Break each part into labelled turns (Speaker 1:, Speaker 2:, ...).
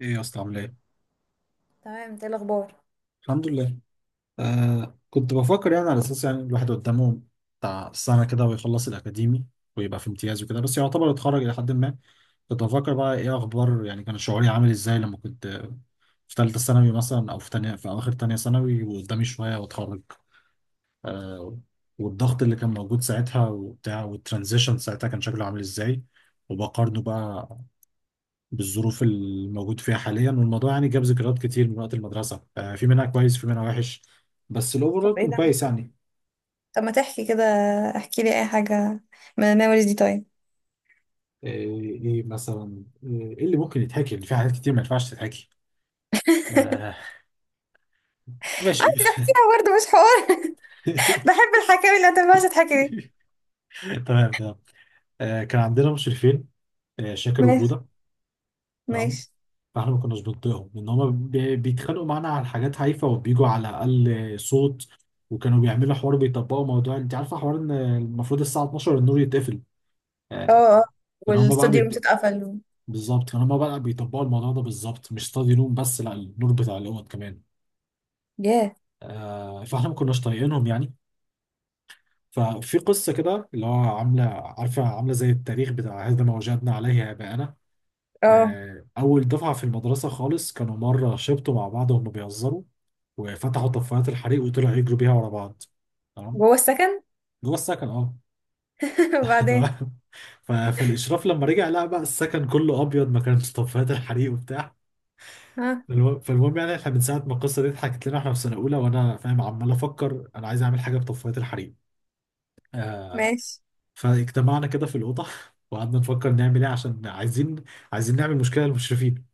Speaker 1: ايه يا اسطى، عامل ايه؟
Speaker 2: تمام. انت ايه الاخبار؟
Speaker 1: الحمد لله. كنت بفكر يعني، على اساس يعني الواحد قدامه بتاع سنه كده ويخلص الاكاديمي ويبقى في امتياز وكده، بس يعتبر اتخرج الى حد ما. كنت بفكر بقى، ايه اخبار يعني، كان شعوري عامل ازاي لما كنت في ثالثه ثانوي مثلا، او في تانية، في اواخر تانية ثانوي وقدامي شويه واتخرج. آه والضغط اللي كان موجود ساعتها وبتاع، والترانزيشن ساعتها كان شكله عامل ازاي، وبقارنه بقى بالظروف الموجود فيها حاليا. والموضوع يعني جاب ذكريات كتير من وقت المدرسة. في منها كويس في منها وحش، بس
Speaker 2: طب
Speaker 1: الأوفرول
Speaker 2: ايه
Speaker 1: كان
Speaker 2: ده؟
Speaker 1: كويس يعني.
Speaker 2: طب ما تحكي كده، احكي لي اي حاجه من الميموريز دي، طيب.
Speaker 1: إيه مثلا، إيه اللي ممكن يتحكي؟ اللي في حاجات كتير ما ينفعش تتحكي. آه، ماشي.
Speaker 2: عايز احكيها برضه، مش حوار. بحب الحكاوي اللي ما تنفعش تحكي دي.
Speaker 1: تمام، تمام. كان عندنا مشرفين، شاكر
Speaker 2: ماشي.
Speaker 1: وجودة. تمام.
Speaker 2: ماشي.
Speaker 1: فاحنا ما كناش بنطيقهم لان هما بيتخانقوا معانا على حاجات هايفه وبيجوا على اقل صوت. وكانوا بيعملوا حوار، بيطبقوا موضوع، انت عارفه، حوار ان المفروض الساعه 12 النور يتقفل.
Speaker 2: اه.
Speaker 1: آه،
Speaker 2: اه.
Speaker 1: كان هما بقى
Speaker 2: والاستوديو روم اتقفل.
Speaker 1: بالظبط. فلما بقى بيطبقوا الموضوع ده بالظبط، مش ستادي نور بس، لا، النور بتاع الاوض كمان.
Speaker 2: ياه.
Speaker 1: فاحنا ما كناش طايقينهم يعني. ففي قصه كده اللي هو عامله، عارفه، عامله زي التاريخ بتاع هذا ما وجدنا عليه اباءنا.
Speaker 2: اه،
Speaker 1: اول دفعه في المدرسه خالص كانوا مره شبطوا مع بعض وهم بيهزروا، وفتحوا طفايات الحريق وطلعوا يجروا بيها ورا بعض. تمام.
Speaker 2: جوه السكن.
Speaker 1: جوه السكن، اه.
Speaker 2: وبعدين؟
Speaker 1: تمام. فالاشراف لما رجع لقى بقى السكن كله ابيض، ما كانش طفايات الحريق وبتاع.
Speaker 2: ها.
Speaker 1: فالمهم يعني احنا من ساعه ما القصه دي اتحكت لنا، احنا في سنه اولى، وانا فاهم عمال افكر، انا عايز اعمل حاجه بطفايه الحريم.
Speaker 2: ماشي.
Speaker 1: فاجتمعنا كده في الاوضه وقعدنا نفكر نعمل ايه، عشان عايزين نعمل مشكله للمشرفين.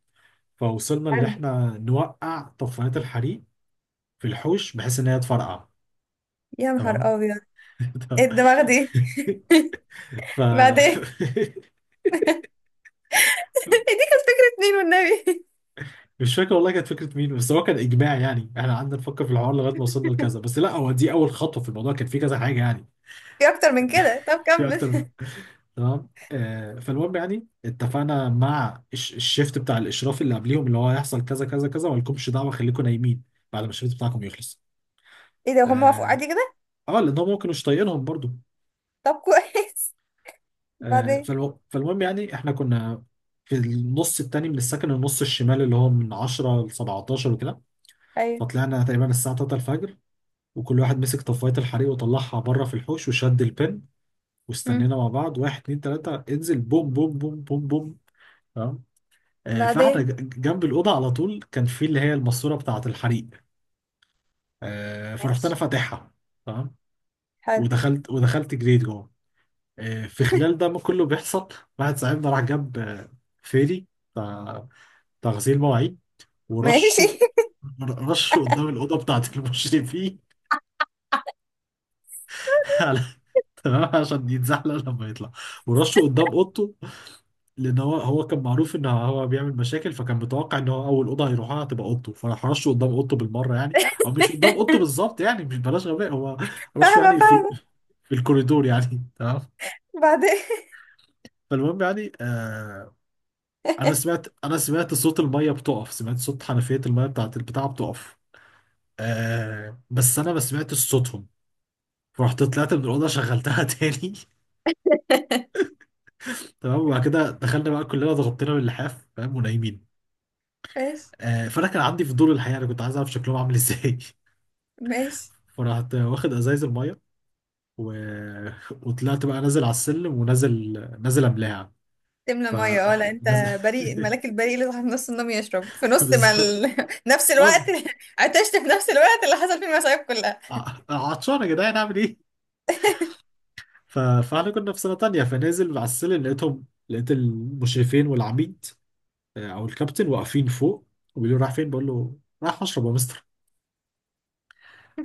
Speaker 1: فوصلنا ان
Speaker 2: حلو.
Speaker 1: احنا نوقع طفايات الحريم في الحوش بحيث ان هي تفرقع.
Speaker 2: يا
Speaker 1: تمام.
Speaker 2: نهار ابيض! ايه الدماغ دي؟
Speaker 1: ف
Speaker 2: بعدين؟ إيه دي، كانت فكره مين والنبي؟
Speaker 1: مش فاكر والله كانت فكره مين، بس هو كان اجماع يعني. احنا قعدنا نفكر في الحوار لغايه ما وصلنا لكذا. بس لا، هو دي اول خطوه في الموضوع، كان في كذا حاجه يعني.
Speaker 2: في اكتر من كده؟ طب
Speaker 1: في
Speaker 2: كمل.
Speaker 1: اكتر. تمام. فالمهم يعني اتفقنا مع الشيفت بتاع الاشراف اللي قبليهم، اللي هو هيحصل كذا كذا كذا، ولكمش دعوه، خليكم نايمين بعد ما الشيفت بتاعكم يخلص.
Speaker 2: ايه ده، هم وافقوا
Speaker 1: اه.
Speaker 2: عادي كده؟
Speaker 1: لان هم ممكن مش طايقينهم برضو.
Speaker 2: طب كويس. بعدين؟
Speaker 1: فالمهم يعني احنا كنا في النص التاني من السكن، النص الشمال، اللي هو من 10 ل 17 وكده.
Speaker 2: ايوه.
Speaker 1: فطلعنا تقريبا الساعه 3 الفجر، وكل واحد مسك طفايه الحريق وطلعها بره في الحوش وشد البن.
Speaker 2: مم.
Speaker 1: واستنينا مع بعض، واحد اتنين تلاته انزل، بوم بوم بوم بوم بوم. فاحنا
Speaker 2: بعدين؟
Speaker 1: جنب الاوضه على طول كان في اللي هي الماسوره بتاعه الحريق. فرحت انا
Speaker 2: ماشي.
Speaker 1: فاتحها. تمام.
Speaker 2: حلو.
Speaker 1: ودخلت جريت جوه. في خلال ده ما كله بيحصل، واحد صاحبنا راح جاب، فيري بتاع غسيل مواعيد.
Speaker 2: ماشي.
Speaker 1: ورشه، رشه قدام الاوضه بتاعه المشرفين على- تمام، عشان يتزحلق لما يطلع. ورشه قدام اوضته، لان هو كان معروف ان هو بيعمل مشاكل، فكان متوقع ان هو اول اوضه هيروحها هتبقى اوضته، فراح رشه قدام اوضته بالمره يعني. او مش قدام اوضته بالظبط يعني، مش بلاش غباء هو، رشه
Speaker 2: فاهمة
Speaker 1: يعني في
Speaker 2: فاهمة.
Speaker 1: الكوريدور يعني. تمام.
Speaker 2: بعدين؟
Speaker 1: فالمهم يعني، انا سمعت صوت الميه بتقف، سمعت صوت حنفيه الميه بتاعت البتاع بتقف. بس انا ما سمعتش صوتهم. فرحت طلعت من الاوضه شغلتها تاني. تمام. وبعد كده دخلنا بقى كلنا، ضغطنا باللحاف، فاهم، ونايمين.
Speaker 2: ماشي.
Speaker 1: فانا كان عندي فضول الحقيقه، انا كنت عايز اعرف شكلهم عامل ازاي.
Speaker 2: ماشي.
Speaker 1: فرحت واخد ازايز الميه، و... وطلعت بقى نازل على السلم، ونازل، نازل، املاها.
Speaker 2: تملى
Speaker 1: ف
Speaker 2: مية اه؟ لا انت
Speaker 1: نازل.
Speaker 2: بريء، الملاك البريء اللي صاحب نص النوم يشرب في نص ما
Speaker 1: بالظبط.
Speaker 2: ال... نفس الوقت.
Speaker 1: اه.
Speaker 2: عطشت في نفس الوقت اللي حصل فيه المصايب كلها.
Speaker 1: عطشان يا جدعان، اعمل ايه؟ فاحنا كنا في سنه تانية. فنازل على السلم، لقيت المشرفين والعميد، او الكابتن، واقفين فوق، وبيقولوا رايح فين؟ بقول له رايح اشرب يا مستر.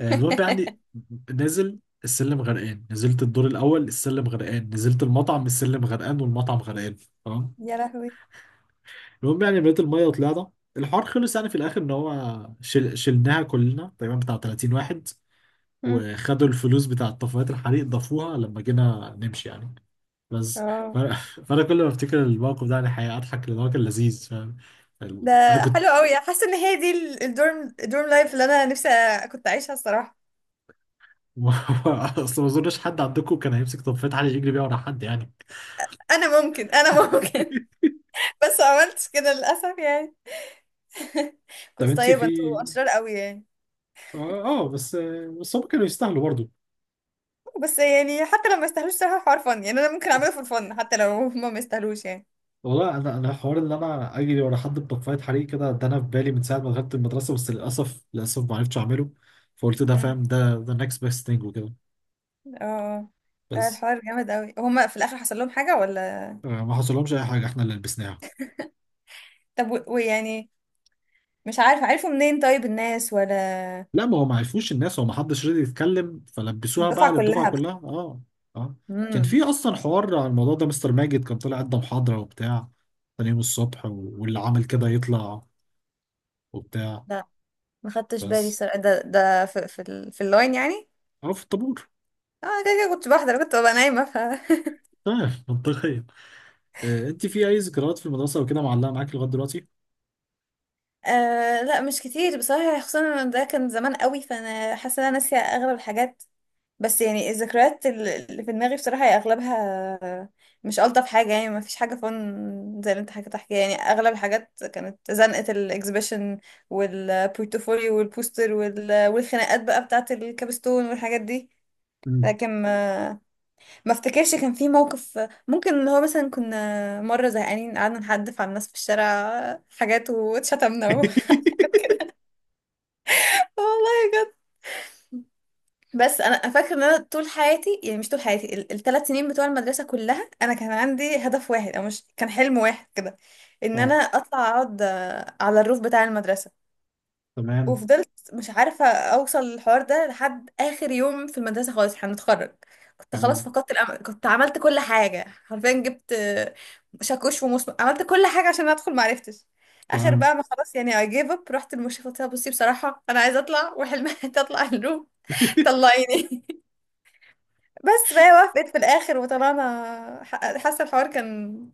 Speaker 1: المهم يعني، نازل السلم غرقان، نزلت الدور الاول السلم غرقان، نزلت المطعم السلم غرقان والمطعم غرقان. تمام.
Speaker 2: يا لهوي.
Speaker 1: المهم يعني بقيت المية وطلعنا. الحوار خلص يعني في الآخر، إن هو شلناها كلنا تقريبا، بتاع 30 واحد.
Speaker 2: مم.
Speaker 1: وخدوا الفلوس بتاع طفايات الحريق ضافوها لما جينا نمشي يعني. بس. ف...
Speaker 2: اه.
Speaker 1: فأنا كل ما أفتكر الموقف ده يعني حقيقة أضحك، لأن هو كان لذيذ فاهم.
Speaker 2: ده
Speaker 1: أنا كنت.
Speaker 2: حلو قوي، حاسه ان هي دي الدورم، الدورم لايف اللي انا نفسي كنت اعيشها الصراحه.
Speaker 1: أصل ما أظنش حد عندكم كان هيمسك طفاية حريق يجري بيها ورا حد يعني.
Speaker 2: انا ممكن. بس ما عملتش كده للاسف يعني.
Speaker 1: طب
Speaker 2: كنت
Speaker 1: أنت
Speaker 2: طيبه،
Speaker 1: في،
Speaker 2: انتوا اشرار قوي يعني.
Speaker 1: بس، هم كانوا يستاهلوا برضه.
Speaker 2: بس يعني حتى لو ما يستاهلوش صراحة حوار فن، يعني انا ممكن اعمله في الفن حتى لو هما ما يستاهلوش يعني.
Speaker 1: والله انا، حوار ان انا اجري ورا حد بطفايه حريق كده، ده انا في بالي من ساعه ما دخلت المدرسه، بس للاسف، ما عرفتش اعمله. فقلت ده
Speaker 2: مم.
Speaker 1: فاهم، ده next best thing وكده.
Speaker 2: اه. ده
Speaker 1: بس.
Speaker 2: الحوار جامد قوي. هما في الاخر حصل لهم حاجة ولا؟
Speaker 1: ما حصلهمش اي حاجه، احنا اللي لبسناها.
Speaker 2: طب ويعني مش عارفة، عرفوا منين طيب الناس ولا؟
Speaker 1: لا ما هو ما عرفوش الناس، هو ما حدش راضي يتكلم، فلبسوها بقى
Speaker 2: الدفعة
Speaker 1: للدفعه
Speaker 2: كلها بقى؟
Speaker 1: كلها. اه، اه. كان
Speaker 2: امم.
Speaker 1: في اصلا حوار على الموضوع ده، مستر ماجد كان طلع ادى محاضره وبتاع تاني يوم الصبح، واللي عمل كده يطلع وبتاع.
Speaker 2: لا، ما خدتش بالي
Speaker 1: بس.
Speaker 2: الصراحة. ده في في اللاين يعني.
Speaker 1: اه، في الطابور.
Speaker 2: اه، كده كده، كنت بحضر، كنت ببقى نايمة ف
Speaker 1: تمام، منطقيا. انت في اي ذكريات في المدرسه وكده معلقه معاك لغايه دلوقتي؟
Speaker 2: آه لا، مش كتير بصراحة. خصوصا إن ده كان زمان قوي، فانا حاسة ان انا ناسية اغلب الحاجات. بس يعني الذكريات اللي في دماغي بصراحة هي أغلبها مش ألطف حاجة. يعني ما فيش حاجة فن زي اللي انت حكيت تحكي. يعني أغلب الحاجات كانت زنقة الإكسبيشن والبورتفوليو والبوستر والخناقات بقى بتاعة الكابستون والحاجات دي.
Speaker 1: مم.
Speaker 2: لكن ما افتكرش كان في موقف ممكن، اللي هو مثلا كنا مرة زهقانين قعدنا نحدف على الناس في الشارع حاجات واتشتمنا وحاجات كده. والله. بس انا فاكره ان انا طول حياتي، يعني مش طول حياتي، ال3 سنين بتوع المدرسه كلها، انا كان عندي هدف واحد، او مش كان، حلم واحد كده، ان انا
Speaker 1: اه.
Speaker 2: اطلع اقعد آه، على الروف بتاع المدرسه.
Speaker 1: تمام،
Speaker 2: وفضلت مش عارفه اوصل للحوار ده لحد اخر يوم في المدرسه خالص، احنا هنتخرج. كنت خلاص
Speaker 1: تمام،
Speaker 2: فقدت الامل، كنت عملت كل حاجه حرفيا، جبت آه، شاكوش ومسمار، عملت كل حاجه عشان ادخل ما عرفتش. اخر
Speaker 1: تمام.
Speaker 2: بقى ما خلاص يعني I gave up. رحت للمشرفه قلت لها بصي بصراحه انا عايزه اطلع وحلمي تطلع الروف. طلعيني. بس فهي وافقت في الاخر وطلعنا حاسه الحوار كان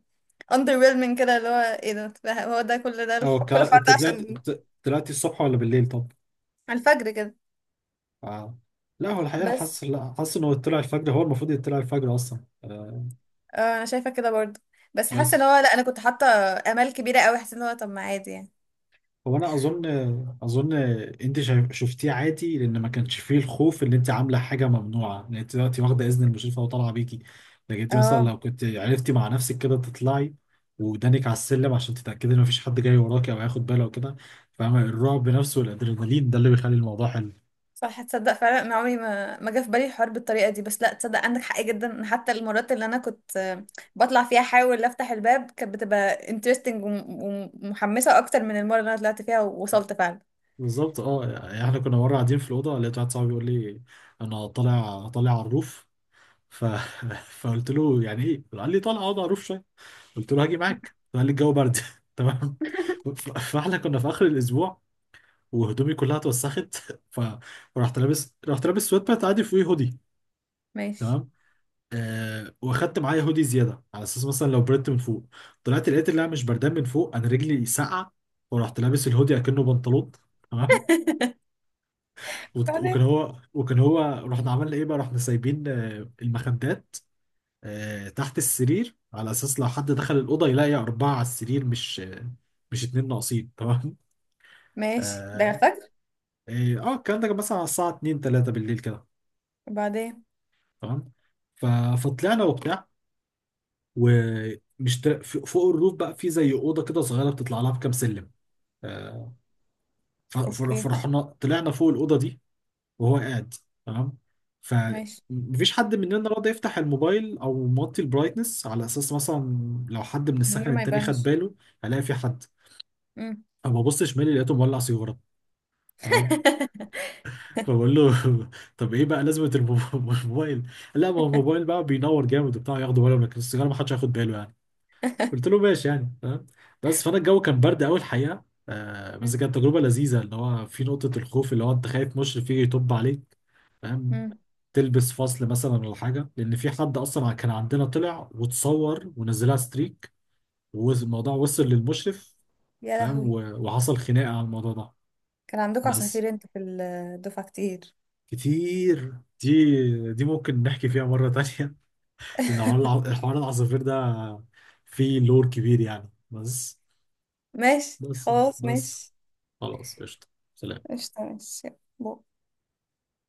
Speaker 2: underwhelming كده، اللي هو ايه ده، هو ده كل ده
Speaker 1: او
Speaker 2: كل الحوار
Speaker 1: انت
Speaker 2: ده
Speaker 1: طلعت،
Speaker 2: عشان.
Speaker 1: طلعتي الصبح ولا بالليل طب؟
Speaker 2: على الفجر كده.
Speaker 1: آه. لا هو الحقيقه، انا
Speaker 2: بس
Speaker 1: حاسس، لا، حاسس انه طلع الفجر. هو المفروض يطلع الفجر اصلا. آه.
Speaker 2: آه انا شايفه كده برضو. بس حاسه ان
Speaker 1: بس
Speaker 2: هو لا، انا كنت حاطه امال كبيره قوي، حاسه ان هو طب ما عادي يعني.
Speaker 1: هو انا اظن، اظن انت شفتيه عادي، لان ما كانش فيه الخوف ان انت عامله حاجه ممنوعه، لان انت دلوقتي واخده اذن المشرفه وطالعه بيكي. لكن انت مثلا
Speaker 2: اه.
Speaker 1: لو كنت عرفتي مع نفسك كده تطلعي، ودانك على السلم عشان تتاكدي ان مفيش حد جاي وراكي او هياخد باله وكده، فاهمه؟ الرعب نفسه والادرينالين ده اللي بيخلي الموضوع حلو.
Speaker 2: صح، تصدق فعلا انا عمري ما جه في بالي الحوار بالطريقه دي. بس لا تصدق، عندك حق جدا، إن حتى المرات اللي انا كنت آه، بطلع فيها احاول افتح الباب كانت بتبقى interesting ومحمسه اكتر من المره اللي انا طلعت فيها ووصلت فعلا.
Speaker 1: بالظبط. اه يعني احنا كنا مره قاعدين في الاوضه، لقيت واحد صاحبي بيقول لي انا طالع، طالع على الروف. ف... فقلت له يعني ايه؟ قال لي طالع اقعد على الروف. قلت له هاجي معاك، قال لي الجو برد. تمام. فاحنا كنا في اخر الاسبوع وهدومي كلها اتوسخت. ف- فرحت لابس رحت لابس سويت بانت عادي فوقيه هودي.
Speaker 2: ماشي.
Speaker 1: تمام. واخدت معايا هودي زياده على اساس مثلا لو بردت من فوق. طلعت لقيت اللي انا مش بردان من فوق، انا رجلي ساقعه. ورحت لابس الهودي اكنه بنطلون. تمام. وت-
Speaker 2: بعدين؟
Speaker 1: وكان هو وكان هو رحنا عملنا ايه بقى؟ رحنا سايبين المخدات تحت السرير على اساس لو حد دخل الاوضه يلاقي اربعه على السرير مش، مش اتنين ناقصين. تمام.
Speaker 2: ماشي. ده
Speaker 1: اه.
Speaker 2: فجر؟
Speaker 1: الكلام ده كان مثلا على الساعه 2 3 بالليل كده.
Speaker 2: وبعدين؟
Speaker 1: تمام. ف- فطلعنا وبتاع، ومش فوق الروف بقى في زي اوضه كده صغيره بتطلع لها بكام سلم. آه،
Speaker 2: اوكي.
Speaker 1: فرحنا طلعنا فوق الاوضه دي، وهو قاعد. تمام. ف
Speaker 2: ماشي.
Speaker 1: مفيش حد مننا راضي يفتح الموبايل او موطي البرايتنس على اساس مثلا لو حد من
Speaker 2: النور
Speaker 1: السكن
Speaker 2: ما
Speaker 1: التاني خد
Speaker 2: يبانش.
Speaker 1: باله، هلاقي في حد.
Speaker 2: مم.
Speaker 1: اما بص شمالي لقيته مولع سيجاره. تمام. فبقول له، طب ايه بقى لازمه الموبايل؟ لا ما هو الموبايل بقى بينور جامد وبتاع، ياخدوا بالهم، لكن السيجاره ما حدش هياخد باله يعني. قلت له ماشي يعني. تمام. بس. فانا الجو كان برد قوي الحقيقه. بس
Speaker 2: مم.
Speaker 1: كانت تجربه لذيذه، اللي هو في نقطه الخوف اللي هو انت خايف مشرف يجي يطب عليك، فاهم،
Speaker 2: مم.
Speaker 1: تلبس فصل مثلا ولا حاجه، لان في حد اصلا كان عندنا طلع وتصور ونزلها ستريك والموضوع وصل للمشرف،
Speaker 2: يا
Speaker 1: فاهم،
Speaker 2: لهوي.
Speaker 1: وحصل خناقه على الموضوع ده.
Speaker 2: كان عندكم
Speaker 1: بس.
Speaker 2: عصافير انتوا في الدفعة كتير؟
Speaker 1: كتير، دي ممكن نحكي فيها مرة تانية. لأن حوار حوار العصافير ده فيه لور كبير يعني. بس،
Speaker 2: ماشي.
Speaker 1: بس
Speaker 2: خلاص.
Speaker 1: بس
Speaker 2: ماشي.
Speaker 1: خلاص قشطة. سلام.
Speaker 2: قشطة. ماشي. بو.